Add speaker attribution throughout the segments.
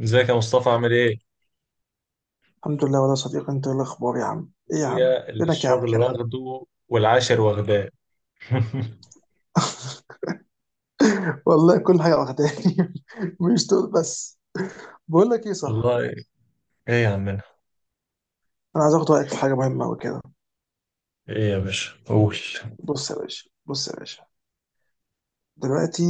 Speaker 1: ازيك يا مصطفى؟ عامل ايه؟
Speaker 2: الحمد لله والله يا صديقي، انت ايه الاخبار يا عم؟ ايه يا عم،
Speaker 1: اخويا اللي
Speaker 2: فينك يا عم
Speaker 1: الشغل
Speaker 2: كده؟
Speaker 1: واخده والعاشر واخداه.
Speaker 2: والله كل حاجه واخداني. مش دول بس. بقول لك ايه، صح؟
Speaker 1: والله. ايه يا عمنا؟
Speaker 2: انا عايز اخد رايك في حاجه مهمه قوي كده.
Speaker 1: ايه يا باشا؟ قول.
Speaker 2: بص يا باشا، بص يا باشا، دلوقتي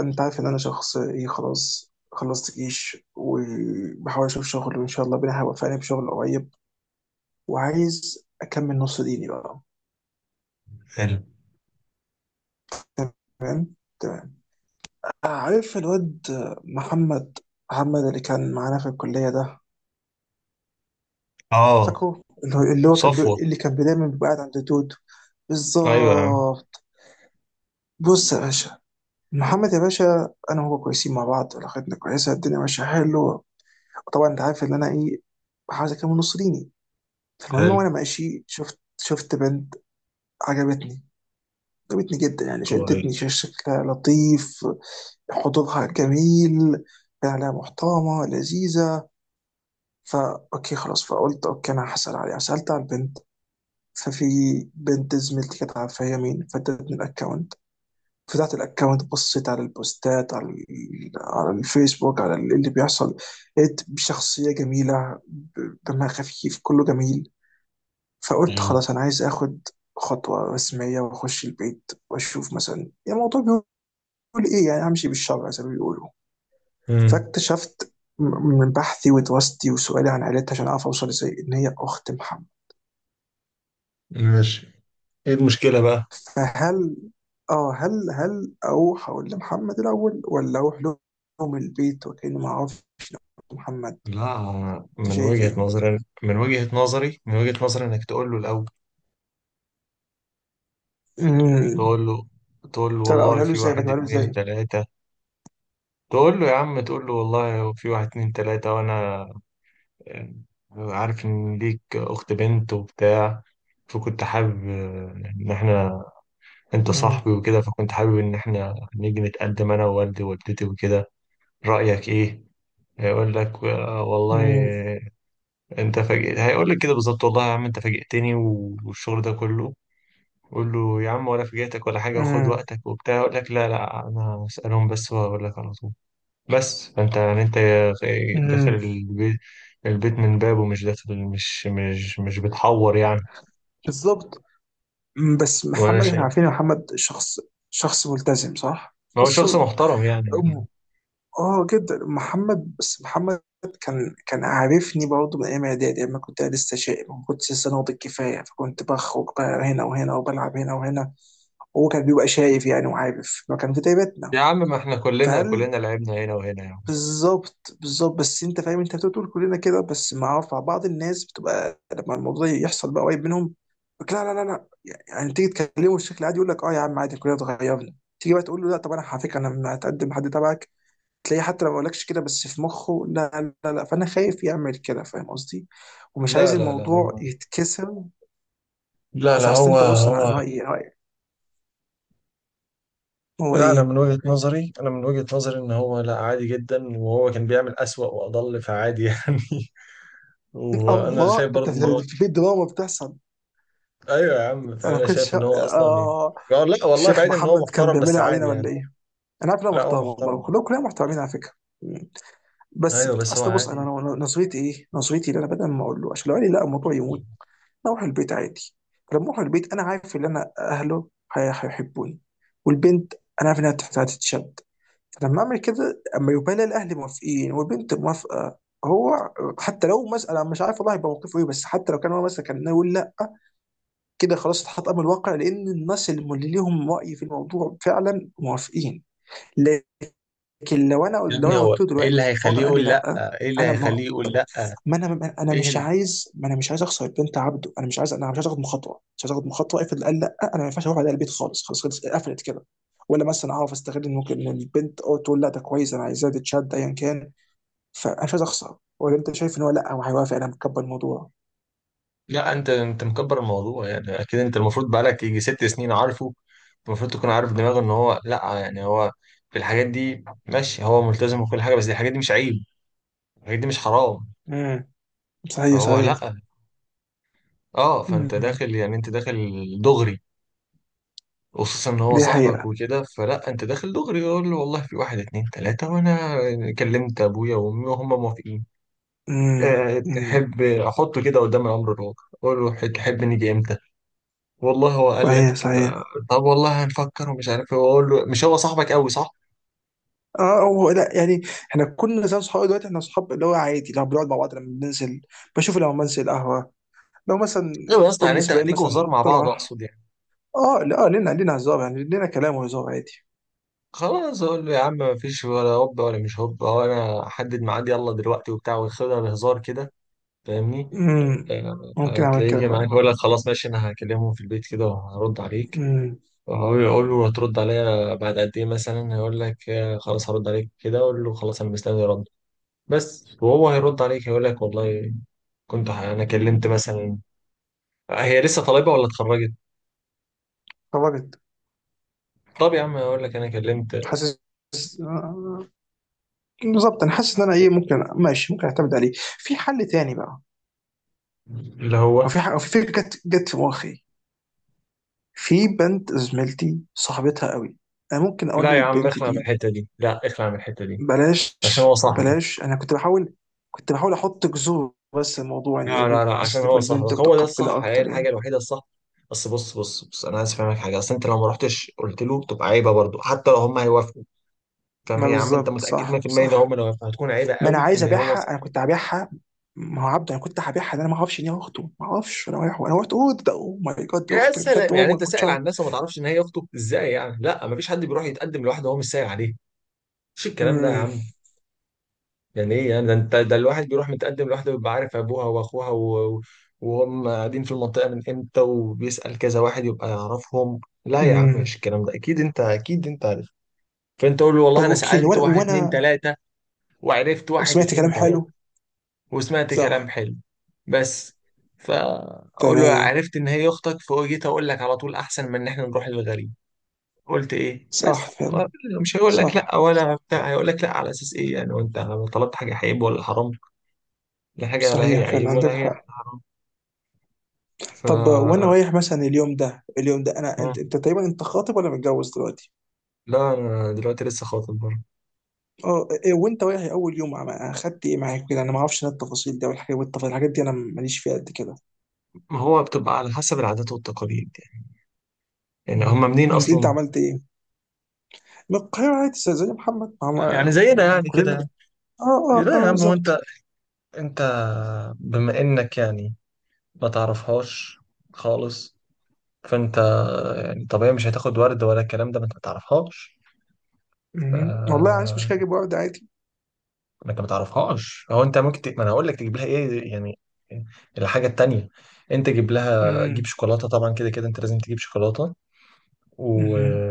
Speaker 2: انت عارف ان انا شخص ايه، خلاص خلصت جيش وبحاول اشوف شغل وان شاء الله ربنا هيوفقني بشغل قريب، وعايز اكمل نص ديني بقى.
Speaker 1: حلو.
Speaker 2: تمام تمام. عارف الواد محمد محمد اللي كان معانا في الكليه ده؟
Speaker 1: اه.
Speaker 2: فاكره؟ اللي هو كان بي...
Speaker 1: صفوة.
Speaker 2: دايما بيبقى قاعد عند دود.
Speaker 1: ايوه يا عم.
Speaker 2: بالظبط. بص يا باشا، محمد يا باشا انا وهو كويسين مع بعض، علاقتنا كويسه، الدنيا ماشيه حلو. طبعا انت عارف ان انا ايه، بحاول اكمل نص ديني. فالمهم
Speaker 1: حلو.
Speaker 2: وانا ماشي شفت بنت. عجبتني، عجبتني جدا يعني، شدتني،
Speaker 1: كويس.
Speaker 2: شكلها لطيف، حضورها جميل، فعلا محترمه لذيذه. فا اوكي خلاص، فقلت اوكي انا هسال عليها، سالت على البنت. ففي بنت زميلتي كانت عارفة هي مين، فادتني الاكونت. فتحت الاكونت، بصيت على البوستات، على على الفيسبوك، على اللي بيحصل. لقيت شخصية جميلة، دمها خفيف، كله جميل. فقلت
Speaker 1: حلو.
Speaker 2: خلاص أنا عايز آخد خطوة رسمية وأخش البيت وأشوف مثلا الموضوع بيقول إيه، يعني همشي بالشرع زي ما بيقولوا.
Speaker 1: امم.
Speaker 2: فاكتشفت من بحثي ودراستي وسؤالي عن عيلتها عشان أعرف أوصل إزاي إن هي أخت محمد.
Speaker 1: ماشي. ايه المشكلة بقى؟
Speaker 2: فهل، اه هل اروح اقول لمحمد الاول ولا اروح لهم البيت وكاني ما اعرفش محمد؟
Speaker 1: لا،
Speaker 2: انت
Speaker 1: من
Speaker 2: شايف
Speaker 1: وجهة
Speaker 2: ايه؟
Speaker 1: نظري، انك تقول له الاول.
Speaker 2: امم
Speaker 1: تقول له تقول له
Speaker 2: طب
Speaker 1: والله
Speaker 2: اقولها له
Speaker 1: في
Speaker 2: ازاي؟
Speaker 1: واحد
Speaker 2: بجيبها له
Speaker 1: اتنين
Speaker 2: ازاي؟
Speaker 1: تلاتة. تقول له يا عم، تقول له والله في واحد اتنين تلاتة، وانا يعني عارف إن ليك أخت بنت وبتاع، فكنت حابب، آه، إن إحنا، أنت
Speaker 2: امم
Speaker 1: صاحبي وكده، فكنت حابب إن إحنا نيجي نتقدم أنا ووالدي ووالدتي وكده. رأيك إيه؟ هيقول لك آه والله،
Speaker 2: امم
Speaker 1: آه، أنت فاجئت. هيقول لك كده بالظبط: والله يا عم أنت فاجئتني، و- والشغل ده كله. قول له يا عم، ولا فاجئتك ولا حاجة، وخد
Speaker 2: امم
Speaker 1: وقتك وبتاع. يقول لك لا لا، أنا هسألهم بس وأقول لك على طول. بس فانت يعني انت داخل
Speaker 2: امم
Speaker 1: البيت، البيت من بابه، مش داخل، مش بتحور يعني.
Speaker 2: بالظبط. بس
Speaker 1: وانا
Speaker 2: محمد احنا
Speaker 1: شايف
Speaker 2: عارفين إن محمد شخص، شخص ملتزم صح؟
Speaker 1: ما هو
Speaker 2: بص،
Speaker 1: شخص محترم يعني.
Speaker 2: اه جدا محمد، بس محمد كان عارفني برضه من ايام اعدادي اما كنت لسه شايب، ما كنتش لسه ناضج كفايه، فكنت بخرج بقى هنا وهنا وبلعب هنا وهنا. هو كان بيبقى شايف يعني، وعارف ما كان في تيبتنا.
Speaker 1: يا عم ما احنا كلنا
Speaker 2: فهل،
Speaker 1: كلنا لعبنا هنا وهنا يعني.
Speaker 2: بالظبط بالظبط. بس انت فاهم، انت بتقول كلنا كده، بس مع بعض الناس بتبقى لما الموضوع يحصل بقى قريب منهم يقولك لا لا لا لا. يعني تيجي تكلمه بشكل عادي يقول لك اه يا عم عادي كلنا اتغيرنا، تيجي بقى تقول له لا طب انا على فكره انا هتقدم حد تبعك، تلاقيه حتى لو ما قالكش كده بس في مخه لا لا لا. فانا خايف يعمل كده، فاهم قصدي؟ ومش
Speaker 1: لا
Speaker 2: عايز
Speaker 1: لا لا
Speaker 2: الموضوع
Speaker 1: هم.
Speaker 2: يتكسر.
Speaker 1: لا لا
Speaker 2: أصل
Speaker 1: هو
Speaker 2: انت بص، انا
Speaker 1: هو.
Speaker 2: انا رأيي هو
Speaker 1: لا انا
Speaker 2: ايه.
Speaker 1: من وجهة نظري، ان هو لا، عادي جدا، وهو كان بيعمل اسوأ واضل، فعادي يعني. وانا
Speaker 2: الله.
Speaker 1: شايف برضه ان هو،
Speaker 2: ده في دراما بتحصل.
Speaker 1: ايوه يا عم،
Speaker 2: انا ما
Speaker 1: فانا شايف
Speaker 2: كنتش
Speaker 1: ان هو اصلا ايه.
Speaker 2: اه
Speaker 1: لا والله،
Speaker 2: الشيخ
Speaker 1: بعيد، ان هو
Speaker 2: محمد كان
Speaker 1: محترم بس
Speaker 2: بيعملها
Speaker 1: عادي
Speaker 2: علينا
Speaker 1: يعني.
Speaker 2: ولا ايه؟ انا عارف إن انا
Speaker 1: لا هو
Speaker 2: محترم والله،
Speaker 1: محترم.
Speaker 2: كلهم كلنا محترمين على فكره. بس
Speaker 1: ايوه بس هو
Speaker 2: اصل بص،
Speaker 1: عادي.
Speaker 2: نظريتي ايه، نظريتي اللي انا بدل ما اقول له عشان لو قال لي لا الموضوع
Speaker 1: يا
Speaker 2: يموت. اروح البيت عادي. فلما اروح البيت انا عارف ان انا اهله هيحبوني، والبنت انا عارف انها هتتشد. فلما اعمل كده اما يبقى لي الاهل موافقين والبنت موافقه، هو حتى لو مسألة مش عارف والله هيبقى موقفه ايه، بس حتى لو كان هو مثلا كان يقول لا، كده خلاص اتحط امر الواقع، لان الناس اللي ليهم رأي في الموضوع فعلا موافقين. لكن لو انا لو
Speaker 1: ابني
Speaker 2: انا
Speaker 1: هو
Speaker 2: قلت له
Speaker 1: ايه اللي
Speaker 2: دلوقتي
Speaker 1: هيخليه
Speaker 2: فاضل قال لي
Speaker 1: يقول لا؟
Speaker 2: لا،
Speaker 1: ايه اللي
Speaker 2: انا ما
Speaker 1: هيخليه يقول لا
Speaker 2: انا ما انا
Speaker 1: ايه
Speaker 2: مش
Speaker 1: اللي...
Speaker 2: عايز ما انا مش عايز اخسر البنت عبده. انا مش عايز، انا مش عايز اخد مخاطره، مش عايز اخد مخاطره. افرض قال لا، انا ما ينفعش اروح على البيت خالص، خلاص خلاص قفلت كده. ولا مثلا اعرف استغل ان ممكن إن البنت او تقول لا ده كويس انا عايزاه تتشد ايا كان. فانا مش عايز اخسر. ولا انت شايف ان هو لا هو هيوافق، انا مكبر الموضوع؟
Speaker 1: لا انت مكبر الموضوع يعني. اكيد انت المفروض بقالك يجي 6 سنين عارفه. المفروض تكون عارف دماغه ان هو لا يعني. هو في الحاجات دي ماشي، هو ملتزم وكل حاجه، بس دي الحاجات دي مش عيب، الحاجات دي مش حرام.
Speaker 2: امم صحيح
Speaker 1: فهو
Speaker 2: صحيح.
Speaker 1: لا. اه، فانت
Speaker 2: امم
Speaker 1: داخل يعني، انت داخل دغري. خصوصا ان هو
Speaker 2: دي
Speaker 1: صاحبك
Speaker 2: حقيقه.
Speaker 1: وكده، فلا، انت داخل دغري. يقول له والله في واحد اتنين تلاته، وانا كلمت ابويا وامي وهم موافقين.
Speaker 2: امم
Speaker 1: آه،
Speaker 2: امم
Speaker 1: تحب احطه كده قدام الامر الواقع؟ اقول له تحب نيجي امتى؟ والله هو قال لك
Speaker 2: صحيح صحيح.
Speaker 1: آه، طب والله هنفكر ومش عارف ايه. واقول له: مش هو صاحبك قوي؟ صح.
Speaker 2: اه هو لا يعني، احنا كنا زي اصحاب. دلوقتي احنا اصحاب اللي هو عادي لو بنقعد مع بعض لما بننزل، بشوف لما بنزل القهوه، لو مثلا
Speaker 1: ايوه يا اسطى،
Speaker 2: كل
Speaker 1: يعني انت
Speaker 2: اسبوعين
Speaker 1: ليكوا هزار
Speaker 2: مثلا
Speaker 1: مع بعض،
Speaker 2: طلعه.
Speaker 1: اقصد يعني.
Speaker 2: اه لا آه، لنا هزار يعني، لنا كلام وهزار عادي.
Speaker 1: خلاص، اقول له يا عم ما فيش ولا هوب ولا مش هوب، هو انا احدد ميعاد يلا دلوقتي وبتاع، وياخدها بهزار كده. فاهمني.
Speaker 2: امم
Speaker 1: آه،
Speaker 2: ممكن اعمل
Speaker 1: تلاقيه
Speaker 2: كده
Speaker 1: جه معاك
Speaker 2: فعلا.
Speaker 1: يقول لك خلاص ماشي، انا هكلمهم في البيت كده وهرد عليك.
Speaker 2: امم
Speaker 1: هو يقول له هترد عليا بعد قد ايه مثلا؟ هيقول لك آه خلاص، هرد عليك كده. اقول له خلاص انا مستني رد بس. وهو هيرد عليك هيقول لك والله، انا كلمت مثلا. هي لسه طالبه ولا اتخرجت؟
Speaker 2: خرجت.
Speaker 1: طب يا عم هقول لك انا كلمت.
Speaker 2: حاسس. آه، بالظبط انا حاسس ان انا ايه ممكن، ماشي ممكن اعتمد عليه. في حل تاني بقى،
Speaker 1: اللي
Speaker 2: او
Speaker 1: هو
Speaker 2: في او في فكره جت في مخي. في بنت زميلتي صاحبتها قوي، انا ممكن اقول
Speaker 1: لا يا عم،
Speaker 2: للبنت
Speaker 1: اخلع من
Speaker 2: دي.
Speaker 1: الحته دي، لا اخلع من الحته دي،
Speaker 2: بلاش
Speaker 1: عشان هو صاحبك.
Speaker 2: بلاش. انا كنت بحاول، كنت بحاول احط جذور، بس الموضوع
Speaker 1: لا لا
Speaker 2: ان
Speaker 1: لا،
Speaker 2: بس
Speaker 1: عشان هو
Speaker 2: تبقى البنت
Speaker 1: صاحبك، هو ده
Speaker 2: متقبله
Speaker 1: الصح، هي
Speaker 2: اكتر
Speaker 1: الحاجه
Speaker 2: يعني.
Speaker 1: الوحيده الصح. بس بص بص بص، انا عايز افهمك حاجه. اصل انت لو ما رحتش قلت له، تبقى عيبه برضه، حتى لو هم هيوافقوا. فاهم
Speaker 2: ما
Speaker 1: يا عم؟ انت
Speaker 2: بالظبط
Speaker 1: متاكد
Speaker 2: صح
Speaker 1: 100%، لو هم
Speaker 2: صح.
Speaker 1: لو هيوافقوا، هتكون عيبه
Speaker 2: ما انا
Speaker 1: قوي
Speaker 2: عايز
Speaker 1: ان هو
Speaker 2: ابيعها، انا
Speaker 1: صاحبك.
Speaker 2: كنت هبيعها. ما هو عبده، انا كنت هبيعها. ده انا ما اعرفش ان هي اخته، ما اعرفش. انا رايح، انا رحت، اوه ده اوه ماي جاد دي
Speaker 1: يا
Speaker 2: اختك بجد؟
Speaker 1: سلام،
Speaker 2: اوه
Speaker 1: يعني
Speaker 2: ما
Speaker 1: انت
Speaker 2: كنتش
Speaker 1: سائل عن
Speaker 2: اعرف.
Speaker 1: الناس، وما تعرفش ان هي اخته؟ ازاي يعني؟ لا، ما فيش حد بيروح يتقدم لوحده وهو مش سائل عليه. مش الكلام ده يا
Speaker 2: امم
Speaker 1: عم. يعني ايه يعني ده؟ انت ده، الواحد بيروح متقدم لوحده بيبقى عارف ابوها واخوها وهم قاعدين في المنطقه من امتى، وبيسال كذا واحد يبقى يعرفهم. لا يا عم،
Speaker 2: امم
Speaker 1: مش الكلام ده. اكيد انت، عارف. فانت قول له
Speaker 2: طب
Speaker 1: والله انا
Speaker 2: اوكي.
Speaker 1: سالت
Speaker 2: وانا
Speaker 1: واحد اتنين
Speaker 2: وانا
Speaker 1: تلاته، وعرفت واحد
Speaker 2: وسمعت
Speaker 1: اتنين
Speaker 2: كلام
Speaker 1: تلاته،
Speaker 2: حلو.
Speaker 1: وسمعت كلام
Speaker 2: صح.
Speaker 1: حلو بس. فاقول له
Speaker 2: تمام.
Speaker 1: عرفت ان هي اختك، فجيت اقول لك على طول، احسن من ان احنا نروح للغريب. قلت ايه
Speaker 2: صح
Speaker 1: بس؟ هو
Speaker 2: فعلا.
Speaker 1: مش هيقول لك لا
Speaker 2: صح.
Speaker 1: ولا بتاع. هيقول لك لا على اساس ايه يعني؟ وانت طلبت حاجه عيب ولا حرام؟ لا حاجه لا هي
Speaker 2: صحيح
Speaker 1: عيب
Speaker 2: فعلا
Speaker 1: ولا
Speaker 2: عندك
Speaker 1: هي
Speaker 2: حق.
Speaker 1: حرام. ف
Speaker 2: طب وانا
Speaker 1: آه.
Speaker 2: رايح مثلا اليوم ده، اليوم ده انا، انت تقريبا انت خاطب ولا متجوز دلوقتي؟
Speaker 1: لا انا دلوقتي لسه خاطب برضه.
Speaker 2: اه إيه، وانت رايح اول يوم اخدت ايه معاك كده؟ انا ما اعرفش انا التفاصيل دي والحاجات والتفاصيل الحاجات دي انا ماليش فيها قد كده.
Speaker 1: ما هو بتبقى على حسب العادات والتقاليد يعني. يعني هم منين
Speaker 2: انت، أنت
Speaker 1: اصلا؟
Speaker 2: عملت ايه؟ من القاهرة عادي زي زي محمد
Speaker 1: يعني زينا يعني
Speaker 2: كلنا.
Speaker 1: كده.
Speaker 2: اه اه
Speaker 1: لا
Speaker 2: اه
Speaker 1: يا عم، هو انت،
Speaker 2: بالظبط.
Speaker 1: انت بما انك يعني ما تعرفهاش خالص، فانت يعني طبيعي مش هتاخد ورد ولا الكلام ده، ما انت ما تعرفهاش. ف
Speaker 2: والله عايش مش كده اجيب ورد عادي.
Speaker 1: انك ما تعرفهاش، هو انت ممكن ما انا هقول لك تجيب لها ايه يعني. الحاجه التانيه، انت جيب لها، جيب
Speaker 2: مم.
Speaker 1: شوكولاته، طبعا كده كده انت لازم تجيب شوكولاته، و...
Speaker 2: مم.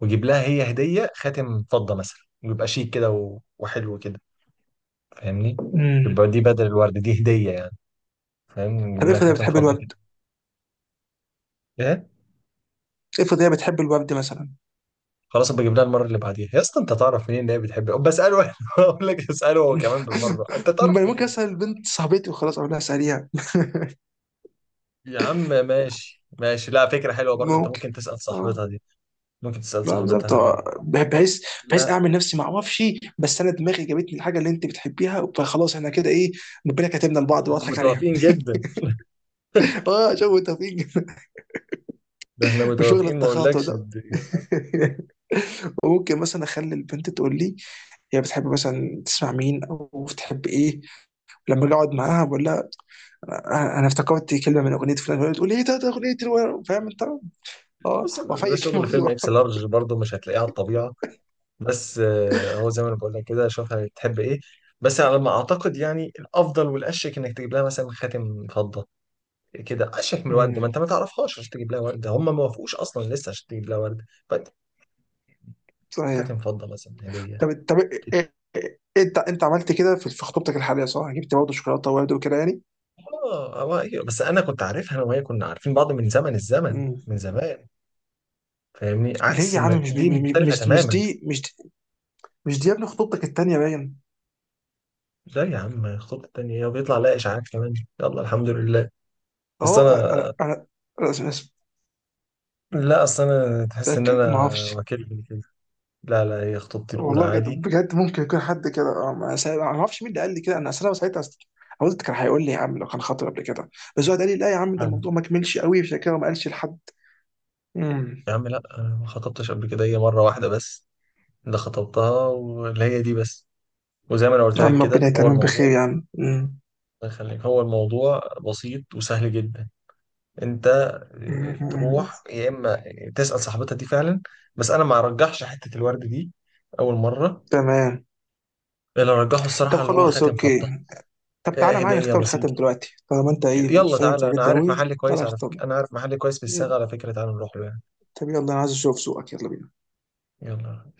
Speaker 1: وجيب لها هي هديه، خاتم فضه مثلا، ويبقى شيك كده، وحلو كده. فاهمني؟
Speaker 2: مم.
Speaker 1: يبقى دي بدل الورد، دي هديه يعني. فاهم؟
Speaker 2: طب
Speaker 1: نجيب لها
Speaker 2: افرض هي
Speaker 1: خاتم
Speaker 2: بتحب
Speaker 1: فضه كده.
Speaker 2: الورد.
Speaker 1: ايه؟
Speaker 2: افرض هي بتحب الورد مثلا.
Speaker 1: خلاص ابقى اجيب لها المره اللي بعديها يا اسطى. انت تعرف منين ان هي بتحب؟ بساله. اقول لك، اساله هو كمان بالمره. انت تعرف
Speaker 2: ما ممكن
Speaker 1: منين؟
Speaker 2: اسال البنت صاحبتي وخلاص اقول لها اساليها.
Speaker 1: يا عم ماشي ماشي، لا، فكرة حلوة برضه. انت
Speaker 2: ممكن
Speaker 1: ممكن تسأل
Speaker 2: اه.
Speaker 1: صاحبتها دي ممكن تسأل
Speaker 2: لا بالظبط
Speaker 1: صاحبتها دي
Speaker 2: آه. بحيث، بحيث
Speaker 1: لا،
Speaker 2: اعمل نفسي ما اعرفش، بس انا دماغي جابتني الحاجه اللي انت بتحبيها، فخلاص احنا كده ايه، ربنا كاتبنا لبعض
Speaker 1: احنا
Speaker 2: واضحك عليها.
Speaker 1: متوافقين جدا.
Speaker 2: اه شوف توفيق.
Speaker 1: ده احنا
Speaker 2: وشغل
Speaker 1: متوافقين ما
Speaker 2: التخاطع
Speaker 1: اقولكش.
Speaker 2: ده.
Speaker 1: دي
Speaker 2: وممكن مثلا اخلي البنت تقول لي هي بتحب مثلا تسمع مين او بتحب ايه، لما اجي اقعد معاها بقول لها انا افتكرت كلمه من اغنيه فلان تقول لي ايه ده، ده اغنيه فاهم انت. اه،
Speaker 1: بص، ده
Speaker 2: وافيك
Speaker 1: شغل فيلم
Speaker 2: الموضوع.
Speaker 1: اكس لارج برضه، مش هتلاقيه على الطبيعة. بس آه، هو زي ما انا بقول لك كده، شوف هتحب ايه. بس على ما اعتقد يعني، الافضل والاشيك انك تجيب لها مثلا خاتم فضة. كده اشيك من الورد، ما
Speaker 2: أمم،
Speaker 1: انت ما تعرفهاش عشان تجيب لها ورد. هم ما وافقوش اصلا لسه عشان تجيب لها ورد، فانت
Speaker 2: صحيح.
Speaker 1: خاتم فضة مثلا، هدية
Speaker 2: طب
Speaker 1: كده.
Speaker 2: انت، عملت كده في في خطوبتك الحاليه صح؟ جبت برضه شوكولاته وورد وكده يعني؟
Speaker 1: اه آه، أيوة. بس انا كنت عارفها، انا وهي كنا عارفين بعض من زمن الزمن،
Speaker 2: أمم.
Speaker 1: من زمان. فاهمني؟
Speaker 2: ليه
Speaker 1: عكس
Speaker 2: يا
Speaker 1: ما
Speaker 2: عم؟
Speaker 1: دي، مختلفة
Speaker 2: مش مش مش
Speaker 1: تماما.
Speaker 2: دي مش دي مش دي يا ابني، خطوبتك التانيه باين.
Speaker 1: لا يا عم، الخطوة التانية هي بيطلع لها إشاعات كمان. يلا الحمد لله. بس
Speaker 2: اهو انا، انا
Speaker 1: أنا،
Speaker 2: أنا- أنا-
Speaker 1: لا أصل أنا تحس إن أنا
Speaker 2: متاكد ما اعرفش.
Speaker 1: وكيل كده. لا لا، هي خطوبتي الأولى
Speaker 2: والله بجد
Speaker 1: عادي.
Speaker 2: بجد ممكن يكون حد كده اه، ما أنا ما اعرفش مين اللي قال لي كده. انا اصل انا ساعتها قلت كان هيقول لي يا عم لو كان خاطر قبل كده، بس هو قال لي لا يا عم، ده
Speaker 1: مم.
Speaker 2: الموضوع ما كملش قوي عشان كده ما قالش لحد. امم
Speaker 1: يا عم لا، أنا ما خطبتش قبل كده، هي مرة واحدة بس، اللي خطبتها واللي هي دي بس. وزي ما أنا قلت
Speaker 2: يا
Speaker 1: لك
Speaker 2: عم
Speaker 1: كده،
Speaker 2: ربنا
Speaker 1: هو
Speaker 2: يتمم
Speaker 1: الموضوع،
Speaker 2: بخير يا عم. أمم.
Speaker 1: الله يخليك، هو الموضوع بسيط وسهل جدا. أنت آه،
Speaker 2: أمم.
Speaker 1: تروح يا إما تسأل صاحبتها دي فعلا. بس أنا ما أرجحش حتة الورد دي أول مرة.
Speaker 2: تمام.
Speaker 1: اللي رجحه
Speaker 2: طب
Speaker 1: الصراحة اللي هو
Speaker 2: خلاص
Speaker 1: خاتم
Speaker 2: اوكي.
Speaker 1: فضة.
Speaker 2: طب
Speaker 1: آه،
Speaker 2: تعالى معايا
Speaker 1: هدية
Speaker 2: نختار الخاتم
Speaker 1: بسيطة
Speaker 2: دلوقتي طالما انت
Speaker 1: كده.
Speaker 2: ايه
Speaker 1: يلا
Speaker 2: فاهم في
Speaker 1: تعالى،
Speaker 2: الحاجات
Speaker 1: أنا
Speaker 2: دي
Speaker 1: عارف
Speaker 2: قوي،
Speaker 1: محل كويس
Speaker 2: تعالى
Speaker 1: على
Speaker 2: نختار.
Speaker 1: فكرة، أنا عارف محل كويس في الصاغة
Speaker 2: يلا.
Speaker 1: على فكرة، تعالى نروح له يعني.
Speaker 2: طب يلا انا عايز اشوف سوقك، يلا بينا.
Speaker 1: يلا.